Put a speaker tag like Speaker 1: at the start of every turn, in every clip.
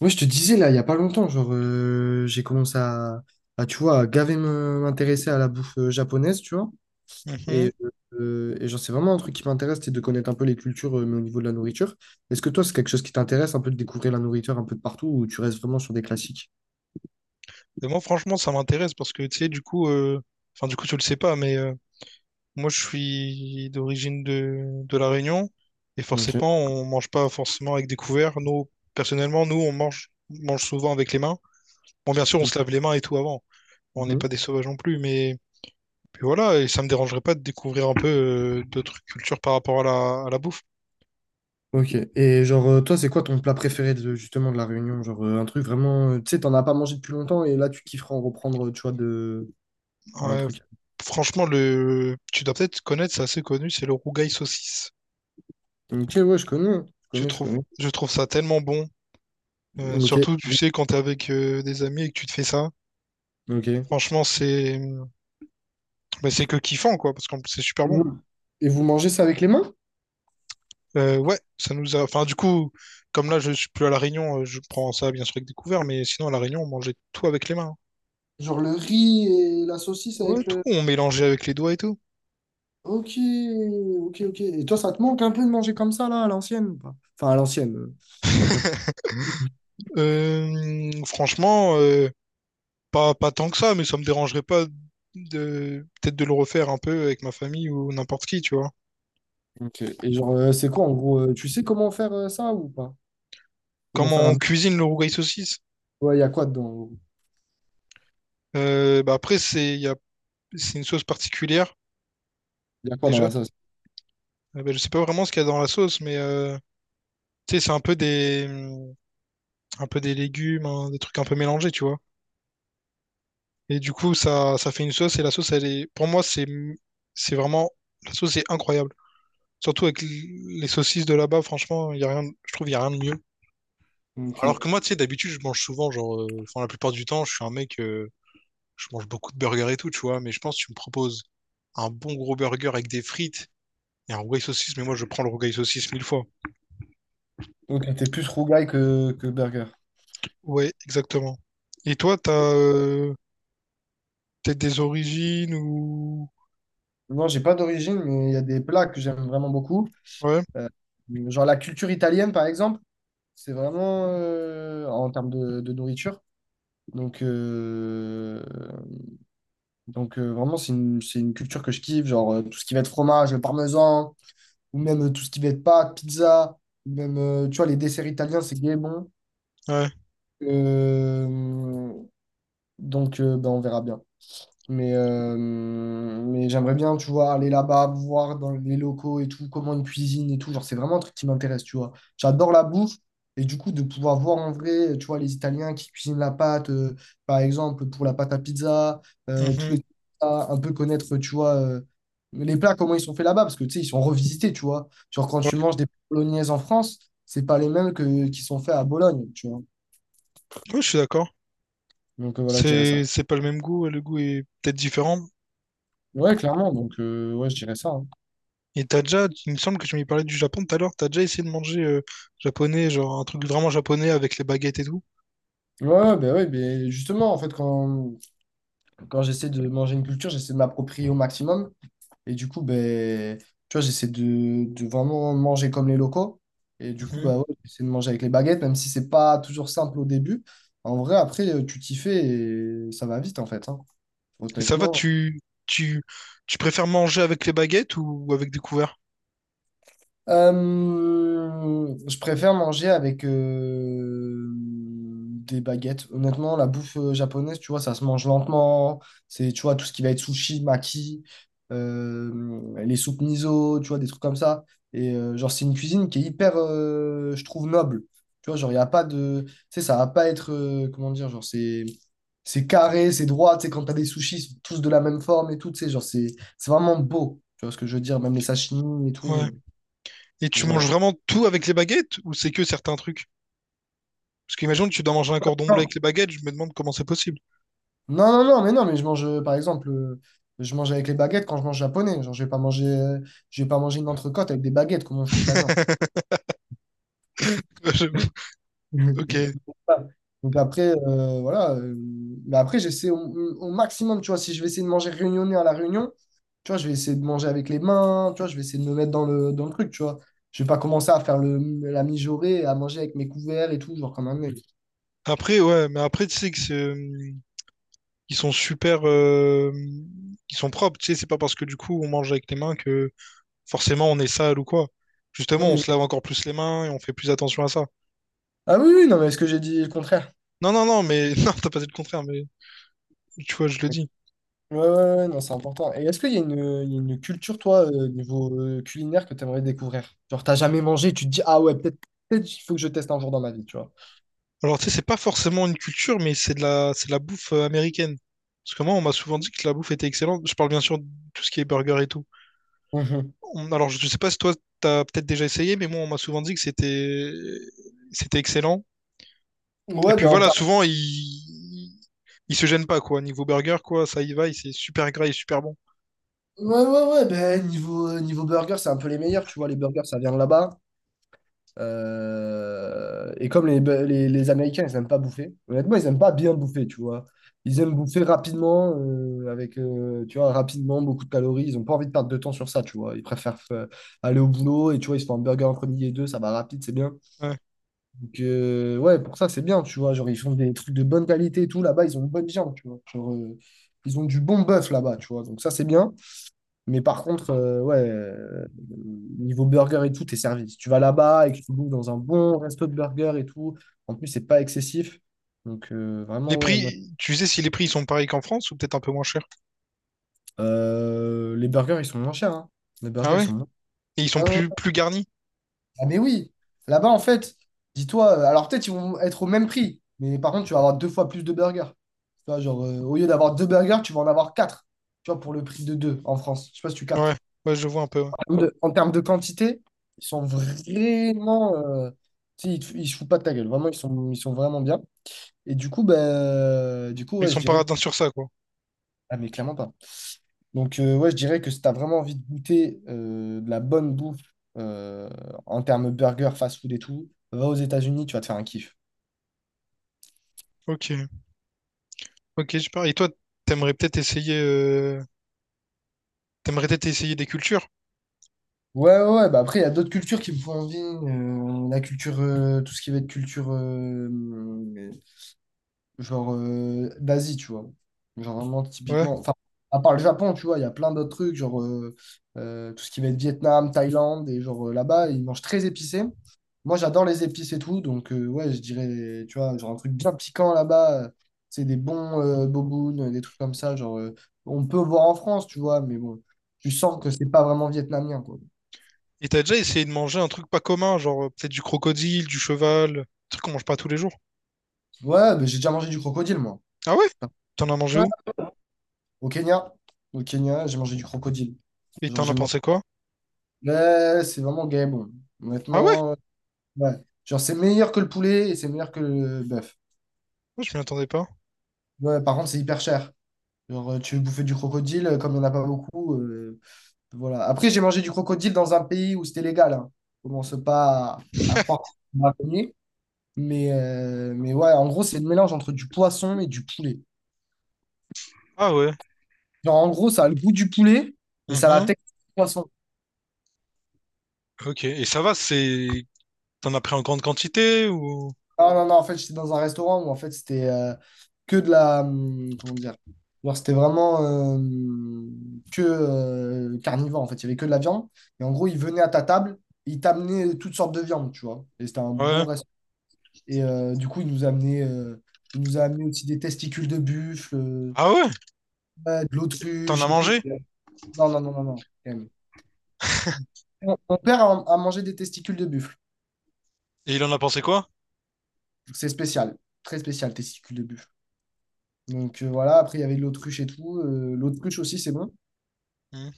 Speaker 1: Ouais, je te disais là, il y a pas longtemps, genre j'ai commencé tu vois, à gaver m'intéresser à la bouffe japonaise, tu vois. Et,
Speaker 2: Mhm.
Speaker 1: euh, et genre c'est vraiment un truc qui m'intéresse, c'est de connaître un peu les cultures, mais au niveau de la nourriture. Est-ce que toi, c'est quelque chose qui t'intéresse un peu de découvrir la nourriture un peu de partout ou tu restes vraiment sur des classiques?
Speaker 2: Et moi, franchement, ça m'intéresse parce que, tu sais, du coup, enfin, du coup, tu le sais pas, mais moi, je suis d'origine de La Réunion et
Speaker 1: Ok.
Speaker 2: forcément, on mange pas forcément avec des couverts. Nous, personnellement, nous, on mange souvent avec les mains. Bon, bien sûr, on se lave les mains et tout avant. On n'est
Speaker 1: Mhm.
Speaker 2: pas des sauvages non plus, mais puis voilà, et ça me dérangerait pas de découvrir un peu d'autres cultures par rapport à la bouffe.
Speaker 1: Ok. Et genre toi, c'est quoi ton plat préféré de, justement de la Réunion? Genre un truc vraiment, tu sais, t'en as pas mangé depuis longtemps et là tu kifferas en reprendre, tu vois, de un
Speaker 2: Ouais,
Speaker 1: truc.
Speaker 2: franchement, le, tu dois peut-être connaître, c'est assez connu, c'est le rougail saucisse.
Speaker 1: Ok, ouais, je connais, je
Speaker 2: Je
Speaker 1: connais, je
Speaker 2: trouve,
Speaker 1: connais.
Speaker 2: je trouve ça tellement bon.
Speaker 1: Ok.
Speaker 2: Surtout, tu sais, quand t'es avec des amis et que tu te fais ça,
Speaker 1: Ok.
Speaker 2: franchement, c'est bah, c'est que kiffant, quoi, parce que c'est super
Speaker 1: Et
Speaker 2: bon.
Speaker 1: vous, et vous mangez ça avec les mains?
Speaker 2: Ouais, ça nous a. Enfin, du coup, comme là, je suis plus à La Réunion, je prends ça bien sûr avec des couverts, mais sinon, à La Réunion, on mangeait tout avec les mains.
Speaker 1: Genre le riz et la saucisse
Speaker 2: Ouais,
Speaker 1: avec
Speaker 2: tout,
Speaker 1: le…
Speaker 2: on mélangeait avec les doigts et tout.
Speaker 1: Ok, ok, ok. Et toi, ça te manque un peu de manger comme ça, là, à l'ancienne? Ou pas. Enfin, à l'ancienne. Quand-
Speaker 2: Franchement, pas tant que ça, mais ça me dérangerait pas de peut-être de le refaire un peu avec ma famille ou n'importe qui, tu vois.
Speaker 1: Ok. Et genre, c'est quoi, en gros? Tu sais comment faire ça ou pas? Comment
Speaker 2: Comment
Speaker 1: faire
Speaker 2: on
Speaker 1: un…
Speaker 2: cuisine le rougail saucisse?
Speaker 1: Ouais, il y a quoi dedans?
Speaker 2: Bah après, c'est il y a- c'est une sauce particulière
Speaker 1: Il y a quoi dans
Speaker 2: déjà.
Speaker 1: la sauce?
Speaker 2: Bah, je sais pas vraiment ce qu'il y a dans la sauce, mais tu sais, c'est un peu des légumes, hein, des trucs un peu mélangés, tu vois. Et du coup, ça fait une sauce et la sauce, elle est, pour moi, c'est vraiment, la sauce est incroyable. Surtout avec l- les saucisses de là-bas, franchement, il y a rien, je trouve, il y a rien de mieux. Alors
Speaker 1: Ok.
Speaker 2: que moi, tu sais, d'habitude, je mange souvent, genre, enfin, la plupart du temps, je suis un mec, je mange beaucoup de burgers et tout, tu vois. Mais je pense que tu me proposes un bon gros burger avec des frites et un rougail saucisse, mais moi, je prends le rougail saucisse mille fois.
Speaker 1: Donc, t'es plus rougaille que burger.
Speaker 2: Ouais, exactement. Et toi, t'as peut-être des origines ou...
Speaker 1: Non, j'ai pas d'origine, mais il y a des plats que j'aime vraiment beaucoup.
Speaker 2: Ouais,
Speaker 1: Euh, genre la culture italienne, par exemple, c'est vraiment, en termes de nourriture, Donc, euh, vraiment, c'est une culture que je kiffe, genre tout ce qui va être fromage, parmesan, ou même tout ce qui va être pâtes, pizza, ou même, tu vois, les desserts italiens, c'est gay bon.
Speaker 2: ouais.
Speaker 1: Euh, ben, on verra bien. Mais j'aimerais bien, tu vois, aller là-bas, voir dans les locaux et tout, comment ils cuisinent et tout. Genre, c'est vraiment un truc qui m'intéresse, tu vois. J'adore la bouffe. Et du coup, de pouvoir voir en vrai, tu vois, les Italiens qui cuisinent la pâte, par exemple, pour la pâte à pizza, tous les
Speaker 2: Mhm.
Speaker 1: plats, un peu connaître, tu vois, les plats, comment ils sont faits là-bas, parce que, tu sais, ils sont revisités, tu vois. Genre, quand
Speaker 2: Ouais,
Speaker 1: tu manges des bolognaises en France, c'est pas les mêmes que, qui sont faits à Bologne, tu vois.
Speaker 2: ouais, je suis d'accord.
Speaker 1: Donc, voilà, je dirais ça.
Speaker 2: C'est pas le même goût, ouais, le goût est peut-être différent.
Speaker 1: Ouais, clairement. Donc, ouais, je dirais ça, hein.
Speaker 2: Et t'as déjà, il me semble que tu m'y parlais du Japon tout à l'heure, t'as déjà essayé de manger japonais, genre un truc vraiment japonais avec les baguettes et tout.
Speaker 1: Ouais, ben justement, en fait, quand j'essaie de manger une culture, j'essaie de m'approprier au maximum. Et du coup, ben, tu vois, j'essaie de vraiment manger comme les locaux. Et du coup,
Speaker 2: Mhm.
Speaker 1: bah ouais, j'essaie de manger avec les baguettes, même si c'est pas toujours simple au début. En vrai, après, tu t'y fais et ça va vite, en fait, hein.
Speaker 2: Et ça va,
Speaker 1: Honnêtement,
Speaker 2: tu, tu préfères manger avec les baguettes ou avec des couverts?
Speaker 1: Je préfère manger avec des baguettes. Honnêtement, la bouffe japonaise, tu vois, ça se mange lentement. C'est, tu vois, tout ce qui va être sushi, maki, les soupes miso, tu vois, des trucs comme ça. Et genre, c'est une cuisine qui est hyper, je trouve, noble. Tu vois, genre, il n'y a pas de… Tu sais, ça va pas être… comment dire, genre, c'est… C'est carré, c'est droit, tu sais, quand t'as des sushis, ils sont tous de la même forme et tout, tu sais, genre, c'est vraiment beau, tu vois ce que je veux dire, même les sashimi et tout,
Speaker 2: Ouais. Et tu
Speaker 1: voilà.
Speaker 2: manges vraiment tout avec les baguettes ou c'est que certains trucs? Parce qu'imagine tu dois manger un cordon bleu
Speaker 1: Non,
Speaker 2: avec les baguettes, je me demande comment c'est possible.
Speaker 1: non, non, non, mais non, mais je mange, par exemple, je mange avec les baguettes quand je mange japonais. Genre, je vais pas manger, je vais pas manger une entrecôte avec des baguettes, comment je coupe la viande.
Speaker 2: Ouais, j'avoue. Ok.
Speaker 1: Voilà. Donc après, voilà. Mais après, j'essaie au maximum, tu vois, si je vais essayer de manger réunionnais à la réunion, tu vois, je vais essayer de manger avec les mains, tu vois, je vais essayer de me mettre dans dans le truc, tu vois. Je vais pas commencer à faire le, la mijaurée, à manger avec mes couverts et tout, genre comme un mec.
Speaker 2: Après, ouais, mais après, tu sais que c'est, ils sont super, ils sont propres, tu sais, c'est pas parce que du coup on mange avec les mains que forcément on est sale ou quoi.
Speaker 1: Non,
Speaker 2: Justement, on
Speaker 1: mais…
Speaker 2: se lave encore plus les mains et on fait plus attention à ça.
Speaker 1: Ah oui, oui, non, mais est-ce que j'ai dit le contraire?
Speaker 2: Non, non, non, mais non, t'as pas dit le contraire, mais tu vois, je le dis.
Speaker 1: Ouais, ouais, ouais, non, c'est important. Et est-ce qu'il y a une, il y a une culture, toi, niveau culinaire, que tu aimerais découvrir? Genre, t'as jamais mangé, tu te dis, ah ouais, peut-être, il faut que je teste un jour dans ma vie, tu vois.
Speaker 2: Alors, tu sais, c'est pas forcément une culture, mais c'est de la bouffe américaine. Parce que moi, on m'a souvent dit que la bouffe était excellente. Je parle bien sûr de tout ce qui est burger et tout. Alors, je sais pas si toi, t'as peut-être déjà essayé, mais moi, on m'a souvent dit que c'était excellent.
Speaker 1: Mhm.
Speaker 2: Et
Speaker 1: Ouais,
Speaker 2: puis
Speaker 1: ben, en
Speaker 2: voilà,
Speaker 1: termes-
Speaker 2: souvent, ils... Ils se gênent pas, quoi. Niveau burger, quoi, ça y va, c'est super gras et super bon.
Speaker 1: ouais, ouais, ouais, ben, niveau, niveau burger, c'est un peu les meilleurs, tu vois, les burgers, ça vient de là-bas. Et comme les Américains, ils n'aiment pas bouffer, honnêtement, ils n'aiment pas bien bouffer, tu vois. Ils aiment bouffer rapidement, avec, tu vois, rapidement, beaucoup de calories. Ils n'ont pas envie de perdre de temps sur ça, tu vois. Ils préfèrent aller au boulot et, tu vois, ils se font un burger entre midi et deux, ça va rapide, c'est bien.
Speaker 2: Ouais.
Speaker 1: Donc, ouais, pour ça, c'est bien, tu vois. Genre, ils font des trucs de bonne qualité et tout. Là-bas, ils ont une bonne viande, tu vois. Genre, ils ont du bon bœuf là-bas, tu vois. Donc, ça, c'est bien. Mais par contre, niveau burger et tout, t'es servi. Si tu vas là-bas et que tu bouffes dans un bon resto de burger et tout, en plus, c'est pas excessif. Donc,
Speaker 2: Les
Speaker 1: vraiment, ouais, moi-
Speaker 2: prix, tu sais si les prix ils sont pareils qu'en France ou peut-être un peu moins chers?
Speaker 1: Les burgers, ils sont moins chers, hein. Les
Speaker 2: Ah
Speaker 1: burgers, ils
Speaker 2: ouais?
Speaker 1: sont moins
Speaker 2: Et ils sont
Speaker 1: Ah,
Speaker 2: plus garnis?
Speaker 1: ah, mais oui, là-bas, en fait, dis-toi, alors peut-être ils vont être au même prix, mais par contre, tu vas avoir deux fois plus de burgers. Tu vois, genre, au lieu d'avoir deux burgers, tu vas en avoir quatre, tu vois, pour le prix de deux en France. Je sais pas si tu
Speaker 2: Ouais,
Speaker 1: captes.
Speaker 2: ouais, je vois un peu. Ouais.
Speaker 1: En termes de quantité, ils sont vraiment. Tu sais, ils se foutent pas de ta gueule. Vraiment, ils sont vraiment bien. Et du coup, ben, du coup
Speaker 2: Ils
Speaker 1: ouais, je
Speaker 2: sont pas
Speaker 1: dirais.
Speaker 2: radins sur ça, quoi.
Speaker 1: Ah, mais clairement pas. Donc, ouais, je dirais que si tu as vraiment envie de goûter de la bonne bouffe euh, en termes burger, fast-food et tout, va aux États-Unis, tu vas te faire un kiff.
Speaker 2: Ok, ok, super. Et toi, t'aimerais peut-être essayer, euh, t'aimerais peut-être essayer des cultures?
Speaker 1: Ouais, ouais, ouais, bah après, il y a d'autres cultures qui me font envie. La culture, tout ce qui va être culture genre d'Asie, tu vois. Genre vraiment
Speaker 2: Ouais.
Speaker 1: typiquement, enfin, à part le Japon, tu vois, il y a plein d'autres trucs, genre tout ce qui va être Vietnam, Thaïlande, et genre là-bas, ils mangent très épicé. Moi, j'adore les épices et tout, donc ouais, je dirais, tu vois, genre un truc bien piquant là-bas, c'est des bons bobounes, des trucs comme ça, genre on peut voir en France, tu vois, mais bon, tu sens que c'est pas vraiment vietnamien, quoi.
Speaker 2: Et t'as déjà essayé de manger un truc pas commun, genre peut-être du crocodile, du cheval, un truc qu'on mange pas tous les jours?
Speaker 1: Ouais, bah, j'ai déjà mangé du crocodile, moi.
Speaker 2: Ah ouais? T'en as mangé
Speaker 1: Ouais,
Speaker 2: où?
Speaker 1: au Kenya, au Kenya, j'ai mangé du crocodile.
Speaker 2: Et
Speaker 1: Genre,
Speaker 2: t'en as
Speaker 1: j'ai mangé
Speaker 2: pensé quoi?
Speaker 1: Ouais, c'est vraiment gay, bon.
Speaker 2: Ah ouais?
Speaker 1: Honnêtement, ouais. Genre, c'est meilleur que le poulet et c'est meilleur que le bœuf.
Speaker 2: Moi, je m'y attendais pas.
Speaker 1: Ouais, par contre, c'est hyper cher. Genre, tu veux bouffer du crocodile, comme il n'y en a pas beaucoup. Voilà. Après, j'ai mangé du crocodile dans un pays où c'était légal, hein. Commence pas à croire qu'on m'a connu. Mais ouais, en gros, c'est le mélange entre du poisson et du poulet.
Speaker 2: Ah ouais.
Speaker 1: Genre, en gros, ça a le goût du poulet, mais ça a la
Speaker 2: Mhm.
Speaker 1: texture du poisson.
Speaker 2: Ok. Et ça va, c'est. T'en as pris en grande quantité ou.
Speaker 1: Non, non, non, en fait, j'étais dans un restaurant où en fait c'était que de la. Comment dire? Genre, c'était vraiment euh, que carnivore, en fait. Il y avait que de la viande. Et en gros, ils venaient à ta table, ils t'amenaient toutes sortes de viandes, tu vois. Et c'était un bon
Speaker 2: Ouais.
Speaker 1: restaurant. Et du coup, ils nous amenaient, ils nous a amené aussi des testicules de buffle,
Speaker 2: Ah ouais?
Speaker 1: ouais, de
Speaker 2: T'en as
Speaker 1: l'autruche et tout.
Speaker 2: mangé?
Speaker 1: Non, non, non, non, non. Quand même. Mon père a mangé des testicules de buffle.
Speaker 2: Et il en a pensé quoi?
Speaker 1: C'est spécial, très spécial, testicules de buffle. Donc voilà, après il y avait de l'autruche et tout. L'autruche aussi, c'est bon.
Speaker 2: Mhm.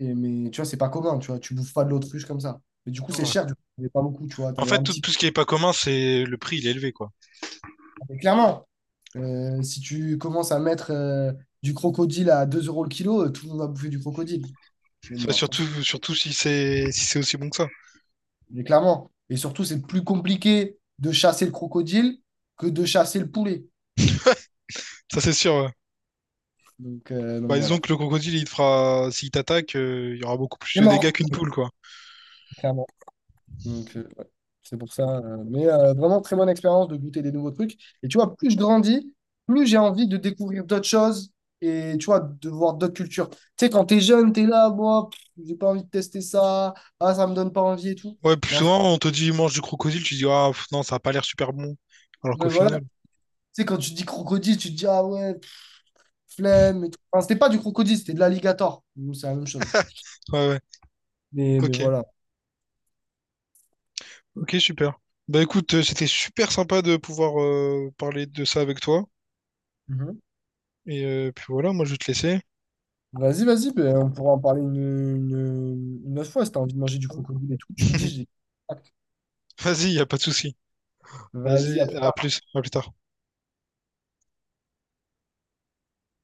Speaker 1: Et, mais tu vois, c'est pas commun, tu vois. Tu bouffes pas de l'autruche comme ça. Mais du coup, c'est
Speaker 2: Ouais.
Speaker 1: cher, du coup, t'avais pas beaucoup, tu vois.
Speaker 2: En
Speaker 1: T'avais
Speaker 2: fait,
Speaker 1: un
Speaker 2: tout,
Speaker 1: petit.
Speaker 2: tout ce qui est pas commun, c'est le prix, il est élevé, quoi.
Speaker 1: Mais clairement, si tu commences à mettre du crocodile à 2 euros le kilo, tout le monde va bouffer du crocodile. Mais
Speaker 2: Ça,
Speaker 1: bon, après, c'est-
Speaker 2: surtout, surtout si c'est aussi bon que ça.
Speaker 1: mais clairement. Et surtout, c'est plus compliqué de chasser le crocodile que de chasser le poulet.
Speaker 2: Ça, c'est sûr, ouais.
Speaker 1: Donc
Speaker 2: Bah, disons
Speaker 1: voilà.
Speaker 2: que le crocodile, il te fera. S'il t'attaque, il y aura beaucoup plus
Speaker 1: C'est
Speaker 2: de dégâts
Speaker 1: mort.
Speaker 2: qu'une poule, quoi.
Speaker 1: Donc, ouais, c'est pour ça. Vraiment, très bonne expérience de goûter des nouveaux trucs. Et tu vois, plus je grandis, plus j'ai envie de découvrir d'autres choses et tu vois, de voir d'autres cultures. Tu sais, quand t'es jeune, t'es là, moi, pff, j'ai pas envie de tester ça. Ah, ça me donne pas envie et tout.
Speaker 2: Ouais, plus
Speaker 1: Mais en fait,
Speaker 2: souvent, on te dit mange du crocodile, tu dis ah pff, non, ça a pas l'air super bon. Alors qu'au
Speaker 1: ouais, voilà.
Speaker 2: final,
Speaker 1: Tu sais, quand tu dis crocodile, tu te dis, ah ouais, pff, flemme et tout. Enfin, c'était pas du crocodile, c'était de l'alligator. Donc, c'est la même chose.
Speaker 2: ouais, ouais,
Speaker 1: Mais
Speaker 2: ok,
Speaker 1: voilà.
Speaker 2: ok, super. Bah écoute, c'était super sympa de pouvoir parler de ça avec toi.
Speaker 1: Mhm.
Speaker 2: Et puis voilà, moi je vais te laisser.
Speaker 1: Vas-y, vas-y, ben, on pourra en parler une autre fois si t'as envie de manger du crocodile et tout. Tu me dis, j'ai.
Speaker 2: Vas-y, y a pas de souci.
Speaker 1: Vas-y,
Speaker 2: Vas-y,
Speaker 1: à plus tard.
Speaker 2: à plus tard.